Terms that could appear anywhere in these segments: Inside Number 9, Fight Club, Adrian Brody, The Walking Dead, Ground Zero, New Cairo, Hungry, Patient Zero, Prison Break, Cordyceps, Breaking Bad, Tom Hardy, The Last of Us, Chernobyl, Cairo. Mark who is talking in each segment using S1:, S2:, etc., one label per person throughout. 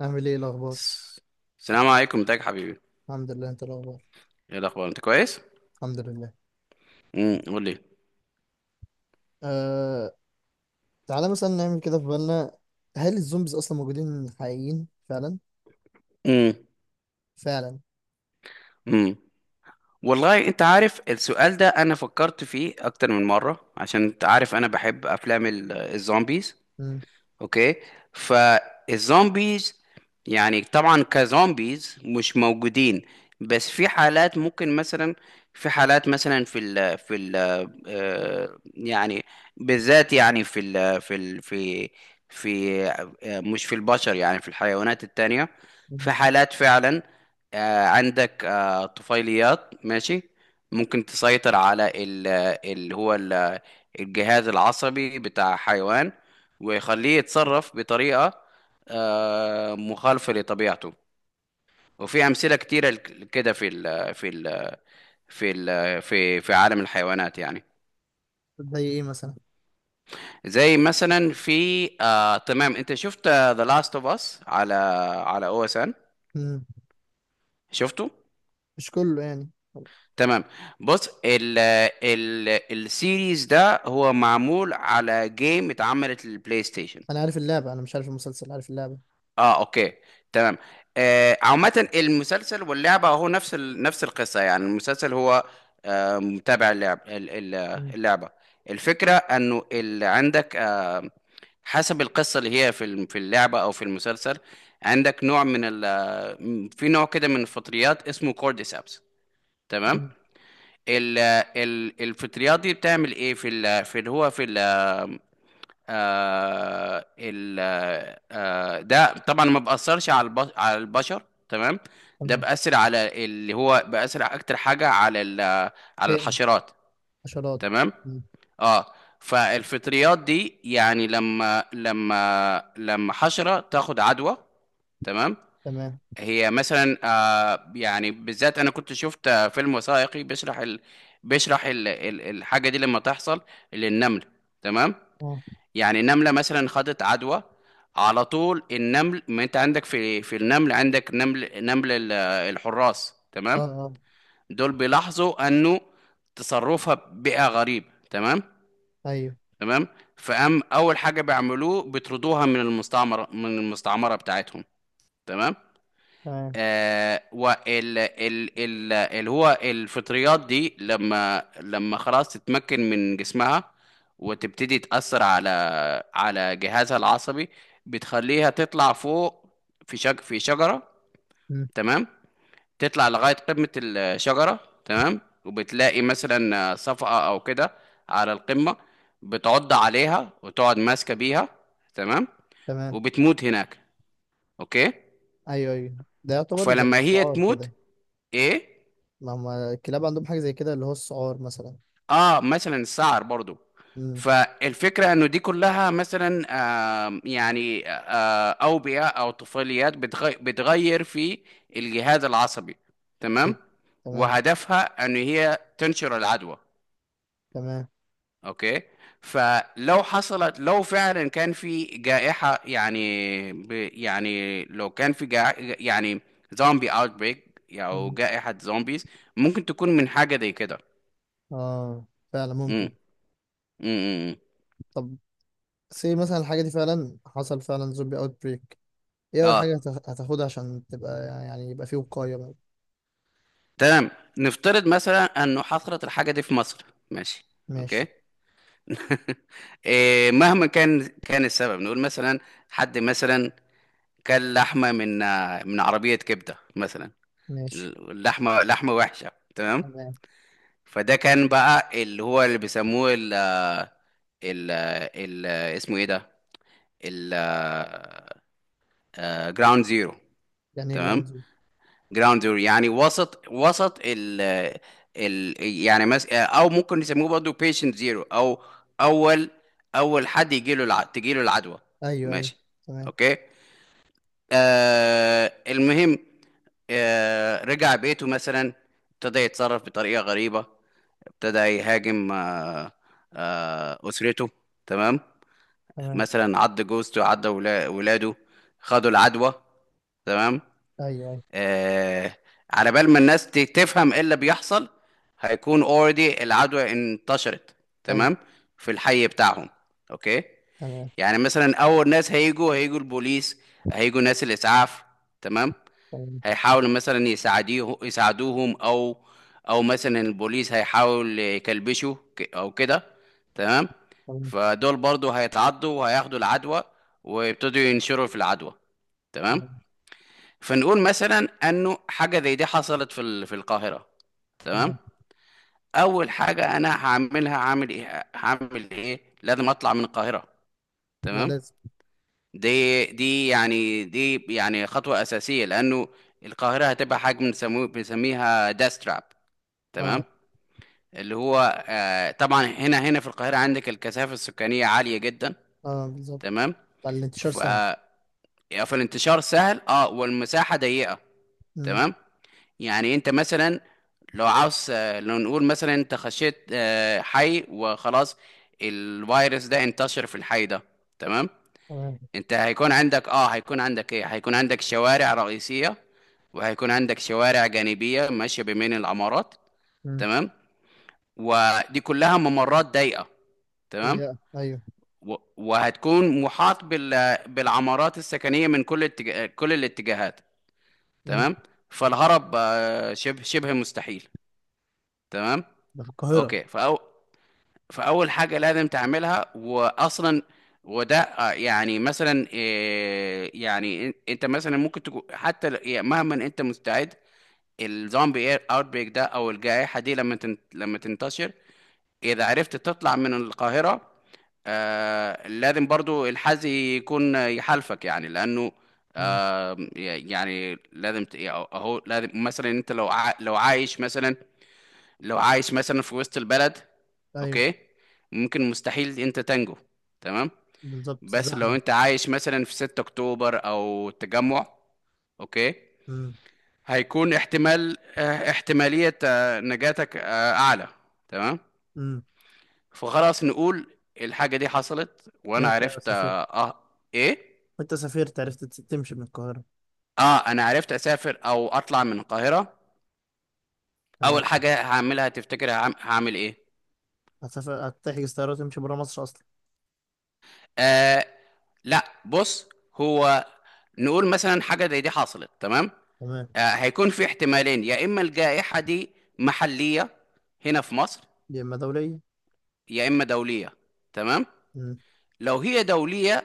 S1: أعمل إيه الأخبار؟
S2: الس- السلام عليكم، ازيك يا حبيبي.
S1: الحمد لله. أنت إيه الأخبار؟
S2: ايه الاخبار؟ انت كويس؟
S1: الحمد لله.
S2: قول لي.
S1: أه... تعالى مثلا نعمل كده في بالنا. هل الزومبيز أصلا موجودين حقيقيين فعلا؟
S2: امم
S1: فعلا.
S2: امم والله انت عارف السؤال ده، انا فكرت فيه اكتر من مره، عشان انت عارف انا بحب افلام الزومبيز.
S1: مم.
S2: اوكي. فالزومبيز يعني طبعا كزومبيز مش موجودين، بس في حالات ممكن مثلا. في حالات مثلا في ال في ال آه، يعني بالذات يعني في ال في ال في في آه، مش في البشر، يعني في الحيوانات التانية. في
S1: مم.
S2: حالات فعلا عندك طفيليات، ماشي، ممكن تسيطر اللي هو الجهاز العصبي بتاع حيوان، ويخليه يتصرف بطريقة مخالفة لطبيعته. وفي أمثلة كتيرة كده في ال في ال في ال في في عالم الحيوانات يعني.
S1: زي إيه مثلا؟
S2: زي مثلا في آه تمام، انت شفت ذا لاست اوف اس على او اس ان؟
S1: مم.
S2: شفته؟
S1: مش كله يعني.
S2: تمام. بص، ال ال السيريز ده هو معمول على جيم اتعملت للبلاي ستيشن.
S1: أنا عارف اللعبة، أنا مش عارف المسلسل، عارف اللعبة.
S2: اه، اوكي، تمام. عامة المسلسل واللعبة هو نفس القصة يعني. المسلسل هو متابع
S1: مم.
S2: اللعبة. الفكرة انه اللي عندك حسب القصة اللي هي في اللعبة او في المسلسل، عندك نوع من ال... آه، في نوع كده من الفطريات اسمه كورديسابس. تمام.
S1: مم.
S2: ال... الفطريات دي بتعمل ايه في اللي هو في ال... آه ال آه ده طبعا ما بأثرش على البشر. تمام. ده
S1: تمام.
S2: بأثر على اللي هو، بأثر أكتر حاجة على
S1: كائن.
S2: الحشرات.
S1: حشرات.
S2: تمام.
S1: مم.
S2: اه، فالفطريات دي يعني لما حشرة تاخد عدوى. تمام.
S1: تمام.
S2: هي مثلا، يعني بالذات انا كنت شفت فيلم وثائقي بيشرح الحاجه دي لما تحصل للنمل. تمام.
S1: أه.
S2: يعني نملة مثلا خدت عدوى. على طول النمل، ما انت عندك في النمل عندك نمل، الحراس.
S1: أه.
S2: تمام.
S1: أه.
S2: دول بيلاحظوا انه تصرفها بقى غريب. تمام،
S1: أيوه.
S2: تمام. اول حاجة بيعملوه بيطردوها من المستعمرة بتاعتهم. تمام.
S1: تمام.
S2: آه وال ال ال اللي هو الفطريات دي لما خلاص تتمكن من جسمها، وتبتدي تأثر على جهازها العصبي، بتخليها تطلع فوق في شجرة.
S1: مم.
S2: تمام. تطلع لغاية قمة الشجرة. تمام. وبتلاقي مثلا صفقة أو كده على القمة، بتعض عليها وتقعد ماسكة بيها. تمام.
S1: تمام.
S2: وبتموت هناك. أوكي.
S1: أيوه أيوه. ده يعتبر زي
S2: فلما هي
S1: السعار
S2: تموت.
S1: كده.
S2: إيه؟
S1: ما هم الكلاب عندهم حاجة زي كده اللي هو السعار مثلا.
S2: اه، مثلا السعر برضو.
S1: مم.
S2: فالفكرة انه دي كلها مثلا، يعني اوبئة او طفيليات بتغير في الجهاز العصبي. تمام.
S1: أيوه. تمام.
S2: وهدفها ان هي تنشر العدوى.
S1: تمام.
S2: اوكي. فلو حصلت لو فعلا كان في جائحة، يعني ب يعني لو كان في جا يعني زومبي اوتبريك او
S1: مم.
S2: جائحة زومبيز، ممكن تكون من حاجة زي كده.
S1: اه، فعلا
S2: امم
S1: ممكن.
S2: امم
S1: طب. سي مثلا الحاجة دي فعلا، حصل فعلا زومبي اوت بريك. ايه اول حاجة
S2: اه،
S1: هتاخدها عشان تبقى، يعني يبقى فيه وقاية بقى.
S2: تمام. نفترض مثلا انه حصلت الحاجه دي في مصر. ماشي، اوكي.
S1: ماشي.
S2: إيه، مهما كان السبب، نقول مثلا حد مثلا كان لحمه من عربيه كبده مثلا.
S1: ماشي.
S2: اللحمه لحمه وحشه. تمام.
S1: تمام.
S2: فده كان بقى اللي هو اللي بيسموه ال ال ال اسمه ايه ده، ال جراوند زيرو.
S1: يعني ايه جراوند
S2: تمام.
S1: زيرو؟
S2: جراوندر يعني وسط ال ال يعني مس او ممكن نسميه برضه بيشنت زيرو، او اول اول حد تجي له العدوى.
S1: ايوه ايوه.
S2: ماشي،
S1: تمام.
S2: اوكي. المهم، رجع بيته مثلا، ابتدى يتصرف بطريقة غريبة، ابتدى يهاجم أسرته. تمام.
S1: تمام.
S2: مثلا عض جوزته، عض ولاده، خدوا العدوى. تمام.
S1: ايوه ايوه
S2: آه على بال ما الناس تفهم ايه اللي بيحصل، هيكون اوريدي العدوى انتشرت.
S1: ايوه.
S2: تمام. في الحي بتاعهم. اوكي.
S1: تمام.
S2: يعني مثلا اول ناس هيجوا، هيجوا البوليس، هيجوا ناس الاسعاف. تمام.
S1: تمام.
S2: هيحاولوا مثلا يساعديه، يساعدوهم، او مثلا البوليس هيحاول يكلبشوا او كده. تمام.
S1: تمام.
S2: فدول برضو هيتعضوا وهياخدوا العدوى، ويبتدوا ينشروا في العدوى. تمام.
S1: تمام.
S2: فنقول مثلا انه حاجه زي دي حصلت في القاهره. تمام.
S1: تمام.
S2: اول حاجه انا هعملها، هعمل ايه؟ لازم اطلع من القاهره.
S1: ده
S2: تمام.
S1: لازم.
S2: دي يعني خطوه اساسيه، لانه القاهره هتبقى حاجه بنسميها داستراب. تمام.
S1: اه
S2: اللي هو طبعا هنا في القاهره عندك الكثافه السكانيه عاليه جدا.
S1: اه، بالظبط.
S2: تمام.
S1: بقى الانتشار
S2: ف
S1: سهل.
S2: فالانتشار سهل، اه، والمساحه ضيقه.
S1: امم.
S2: تمام. يعني انت مثلا لو عاوز آه، لو نقول مثلا انت خشيت حي وخلاص، الفيروس ده انتشر في الحي ده. تمام.
S1: تمام.
S2: انت هيكون عندك اه، هيكون عندك شوارع رئيسية، وهيكون عندك شوارع جانبية ماشية بين العمارات.
S1: امم.
S2: تمام. ودي كلها ممرات ضيقة. تمام.
S1: هي ايوه.
S2: وهتكون محاط بالعمارات السكنية من كل الاتجاهات.
S1: امم.
S2: تمام. فالهرب شبه شبه مستحيل. تمام.
S1: ده في القاهرة.
S2: اوكي. فاول حاجه لازم تعملها، واصلا وده يعني مثلا يعني انت مثلا ممكن تكون حتى يعني مهما انت مستعد، الزومبي اوت بريك ده او الجائحه دي لما تنتشر، اذا عرفت تطلع من القاهره، لازم برضو الحظ يكون يحالفك، يعني لانه
S1: امم.
S2: يعني يعني اهو لازم مثلا انت لو عايش مثلا في وسط البلد.
S1: ايوه
S2: اوكي. ممكن مستحيل انت تنجو. تمام.
S1: بالظبط،
S2: بس لو
S1: الزحمة.
S2: انت عايش مثلا في 6 اكتوبر او التجمع، اوكي،
S1: امم.
S2: هيكون احتمالية نجاتك اعلى. تمام.
S1: امم.
S2: فخلاص، نقول الحاجة دي حصلت وانا
S1: انت يا
S2: عرفت
S1: سفير،
S2: ايه.
S1: وانت سافرت عرفت تمشي من القاهرة.
S2: اه انا عرفت اسافر او اطلع من القاهرة. اول
S1: تمام.
S2: حاجة هعملها، تفتكر هعمل ايه؟
S1: هتسافر، هتحجز طيارة وتمشي برا مصر أصلا.
S2: آه لا، بص. هو نقول مثلا حاجة زي دي حصلت. تمام.
S1: تمام.
S2: هيكون في احتمالين، يا إما الجائحة دي محلية هنا في مصر،
S1: دي إما دولية.
S2: يا إما دولية. تمام.
S1: مم.
S2: لو هي دولية،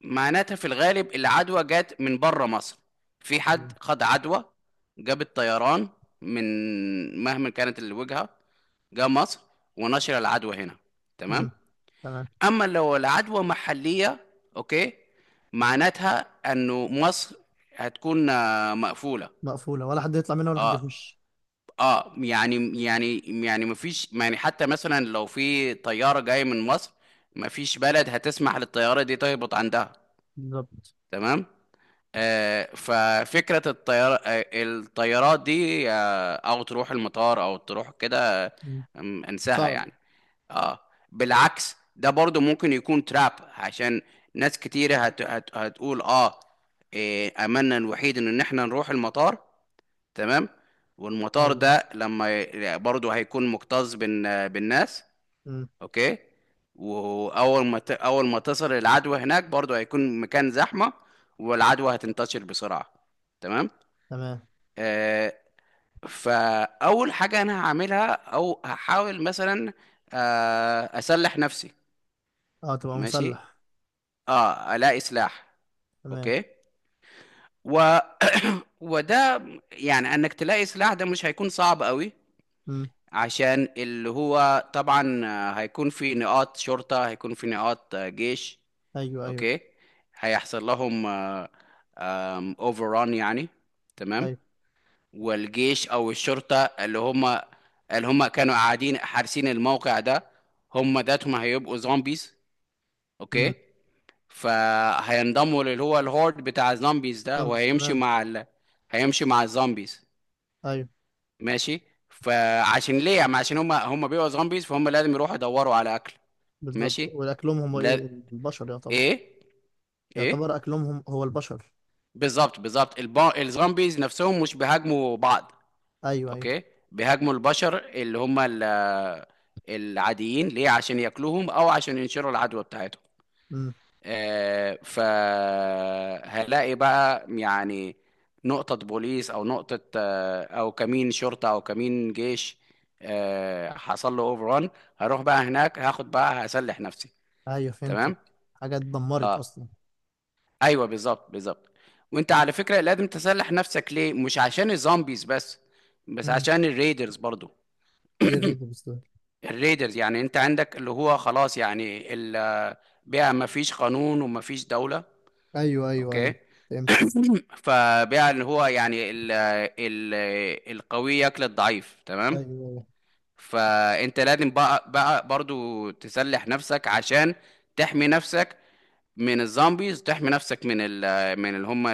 S2: معناتها في الغالب العدوى جت من بره مصر. في حد
S1: تمام.
S2: خد عدوى، جاب الطيران من مهما كانت الوجهة، جه مصر ونشر العدوى هنا. تمام.
S1: مم. تمام.
S2: اما لو العدوى محلية، اوكي، معناتها انه مصر هتكون مقفولة.
S1: مقفولة، ولا حد يطلع منها ولا حد
S2: اه،
S1: يخش.
S2: اه يعني يعني يعني مفيش، يعني حتى مثلا لو في طيارة جاية من مصر، مفيش بلد هتسمح للطيارة دي تهبط عندها.
S1: بالظبط.
S2: تمام. ففكرة الطيارات دي، أو تروح المطار أو تروح كده،
S1: مم.
S2: انساها
S1: صعب.
S2: يعني. اه، بالعكس، ده برضو ممكن يكون تراب، عشان ناس كتيرة هتقول اه، إيه أملنا الوحيد إن إحنا نروح المطار. تمام. والمطار
S1: أيوه.
S2: ده برضو هيكون مكتظ بالناس.
S1: مم.
S2: اوكي. واول ما ت... اول ما تصل العدوى هناك، برضو هيكون مكان زحمه، والعدوى هتنتشر بسرعه. تمام.
S1: تمام.
S2: آه فاول حاجه انا هعملها او هحاول مثلا، اسلح نفسي.
S1: أه تبقى
S2: ماشي.
S1: مسلح.
S2: اه، الاقي سلاح.
S1: تمام.
S2: اوكي. و... وده يعني انك تلاقي سلاح ده مش هيكون صعب قوي،
S1: مم.
S2: عشان اللي هو طبعا هيكون في نقاط شرطة، هيكون في نقاط جيش.
S1: أيوه أيوه
S2: اوكي. هيحصل لهم اوفران يعني. تمام.
S1: أيوه.
S2: والجيش او الشرطه اللي هم كانوا قاعدين حارسين الموقع ده، هم ذاتهم هيبقوا زومبيز.
S1: مم.
S2: اوكي. فهينضموا اللي هو الهورد بتاع الزومبيز ده،
S1: خمس.
S2: وهيمشي
S1: تمام.
S2: مع هيمشي مع الزومبيز.
S1: أيوه.
S2: ماشي. فعشان ليه يعني؟ عشان هم بيبقوا زومبيز، فهم لازم يروحوا يدوروا على اكل.
S1: بالظبط.
S2: ماشي.
S1: والأكلهم هم
S2: لا.
S1: إيه؟ البشر يعتبر.
S2: ايه، ايه.
S1: يعتبر أكلهم هم هو البشر.
S2: بالظبط، بالظبط. الزومبيز نفسهم مش بيهاجموا بعض.
S1: أيوه أيوه.
S2: اوكي. بيهاجموا البشر اللي هم العاديين، ليه؟ عشان ياكلوهم او عشان ينشروا العدوى بتاعتهم.
S1: مم.
S2: فهلاقي بقى يعني نقطة بوليس، او نقطة آه او كمين شرطة، او كمين جيش حصل له اوفر ران، هروح بقى هناك، هاخد بقى هسلح نفسي.
S1: أيوه فهمتك.
S2: تمام.
S1: حاجات اتدمرت
S2: اه،
S1: أصلا.
S2: ايوه، بالظبط، بالظبط. وانت على فكره لازم تسلح نفسك، ليه؟ مش عشان الزومبيز بس، بس
S1: مم.
S2: عشان الريدرز برضو.
S1: ايه الريد بس؟
S2: الريدرز يعني انت عندك اللي هو خلاص يعني، بقى ما فيش قانون وما فيش دوله.
S1: ايوه ايوه
S2: اوكي.
S1: ايوه، فهمت.
S2: فبقى اللي هو يعني ال ال القوي ياكل الضعيف. تمام.
S1: ايوه ايوه.
S2: فانت لازم بقى برضو تسلح نفسك، عشان تحمي نفسك من الزومبيز، تحمي نفسك من اللي هم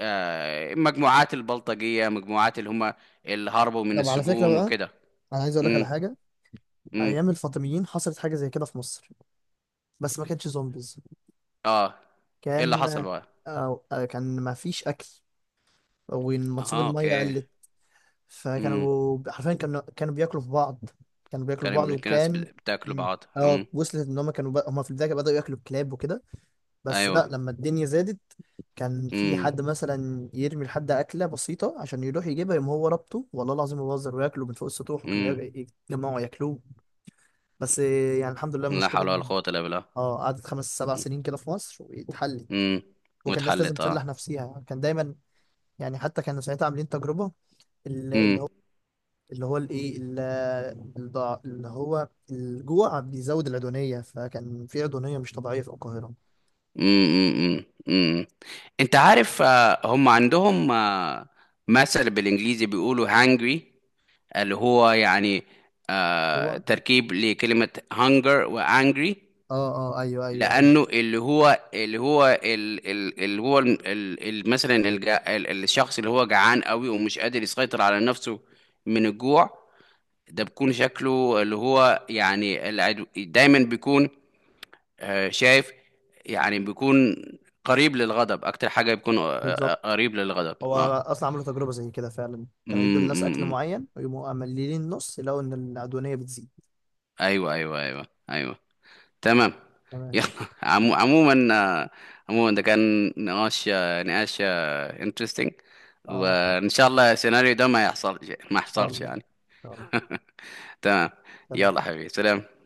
S2: مجموعات البلطجية، مجموعات اللي هم اللي هربوا من
S1: طب على فكره
S2: السجون
S1: بقى،
S2: وكده.
S1: انا عايز اقول لك على
S2: امم
S1: حاجه.
S2: امم
S1: ايام الفاطميين حصلت حاجه زي كده في مصر، بس ما كانتش زومبيز.
S2: اه، ايه اللي حصل
S1: كان
S2: بقى؟
S1: أو كان ما فيش اكل، ومنسوب
S2: اه،
S1: الميه
S2: اوكي.
S1: قلت.
S2: امم
S1: فكانوا حرفيا كانوا بياكلوا في بعض. كانوا بياكلوا
S2: كان
S1: في بعض،
S2: ابن الناس
S1: وكان.
S2: بتاكلوا
S1: مم.
S2: بعض.
S1: اه وصلت ان هم كانوا بقى، هم في البدايه بداوا ياكلوا الكلاب وكده. بس
S2: ايوه.
S1: لا، لما الدنيا زادت كان في
S2: امم
S1: حد مثلا يرمي لحد اكله بسيطه عشان يروح يجيبها، يقوم هو ربطه والله العظيم ما بهزر وياكله من فوق السطوح، وكانوا
S2: امم
S1: يجمعوا ياكلوه. بس يعني الحمد لله
S2: لا
S1: المشكله
S2: حول ولا
S1: دي.
S2: قوة الا بالله.
S1: اه، قعدت 5 7 سنين كده في مصر واتحلت.
S2: امم
S1: وكان الناس لازم
S2: واتحلت اه.
S1: تسلح نفسيها، كان دايما. يعني حتى كانوا ساعتها عاملين تجربه، ال-
S2: امم
S1: اللي هو اللي هو الايه ال- الضع- اللي هو الجوع بيزود العدوانيه، فكان في عدوانيه مش طبيعيه في القاهره.
S2: امم امم انت عارف، هم عندهم مثل بالانجليزي بيقولوا hungry، اللي هو يعني
S1: جوع.
S2: تركيب لكلمة hunger و angry.
S1: اه اه، ايوه ايوه ايوه،
S2: لأنه اللي هو ال- ال- ال- الشخص اللي هو جعان قوي ومش قادر يسيطر على نفسه من الجوع، ده بيكون شكله اللي هو يعني، العدو دايما بيكون شايف يعني، بيكون قريب للغضب. أكتر حاجة بيكون
S1: بالظبط.
S2: قريب للغضب.
S1: هو
S2: اه.
S1: اصلا عملوا تجربه زي كده، فعلا كانوا يدوا للناس اكل
S2: أمم.
S1: معين ويقوموا مقللين نص، يلاقوا ان العدوانيه بتزيد.
S2: ايوه، ايوه، ايوه، ايوه، تمام.
S1: تمام.
S2: يلا. عموما، ده كان نقاش، نقاش انترستنج.
S1: اه، ان
S2: وان شاء الله السيناريو ده ما يحصل، ما
S1: شاء
S2: يحصلش
S1: الله.
S2: يعني.
S1: ان شاء الله.
S2: تمام.
S1: سلام.
S2: يلا حبيبي، سلام.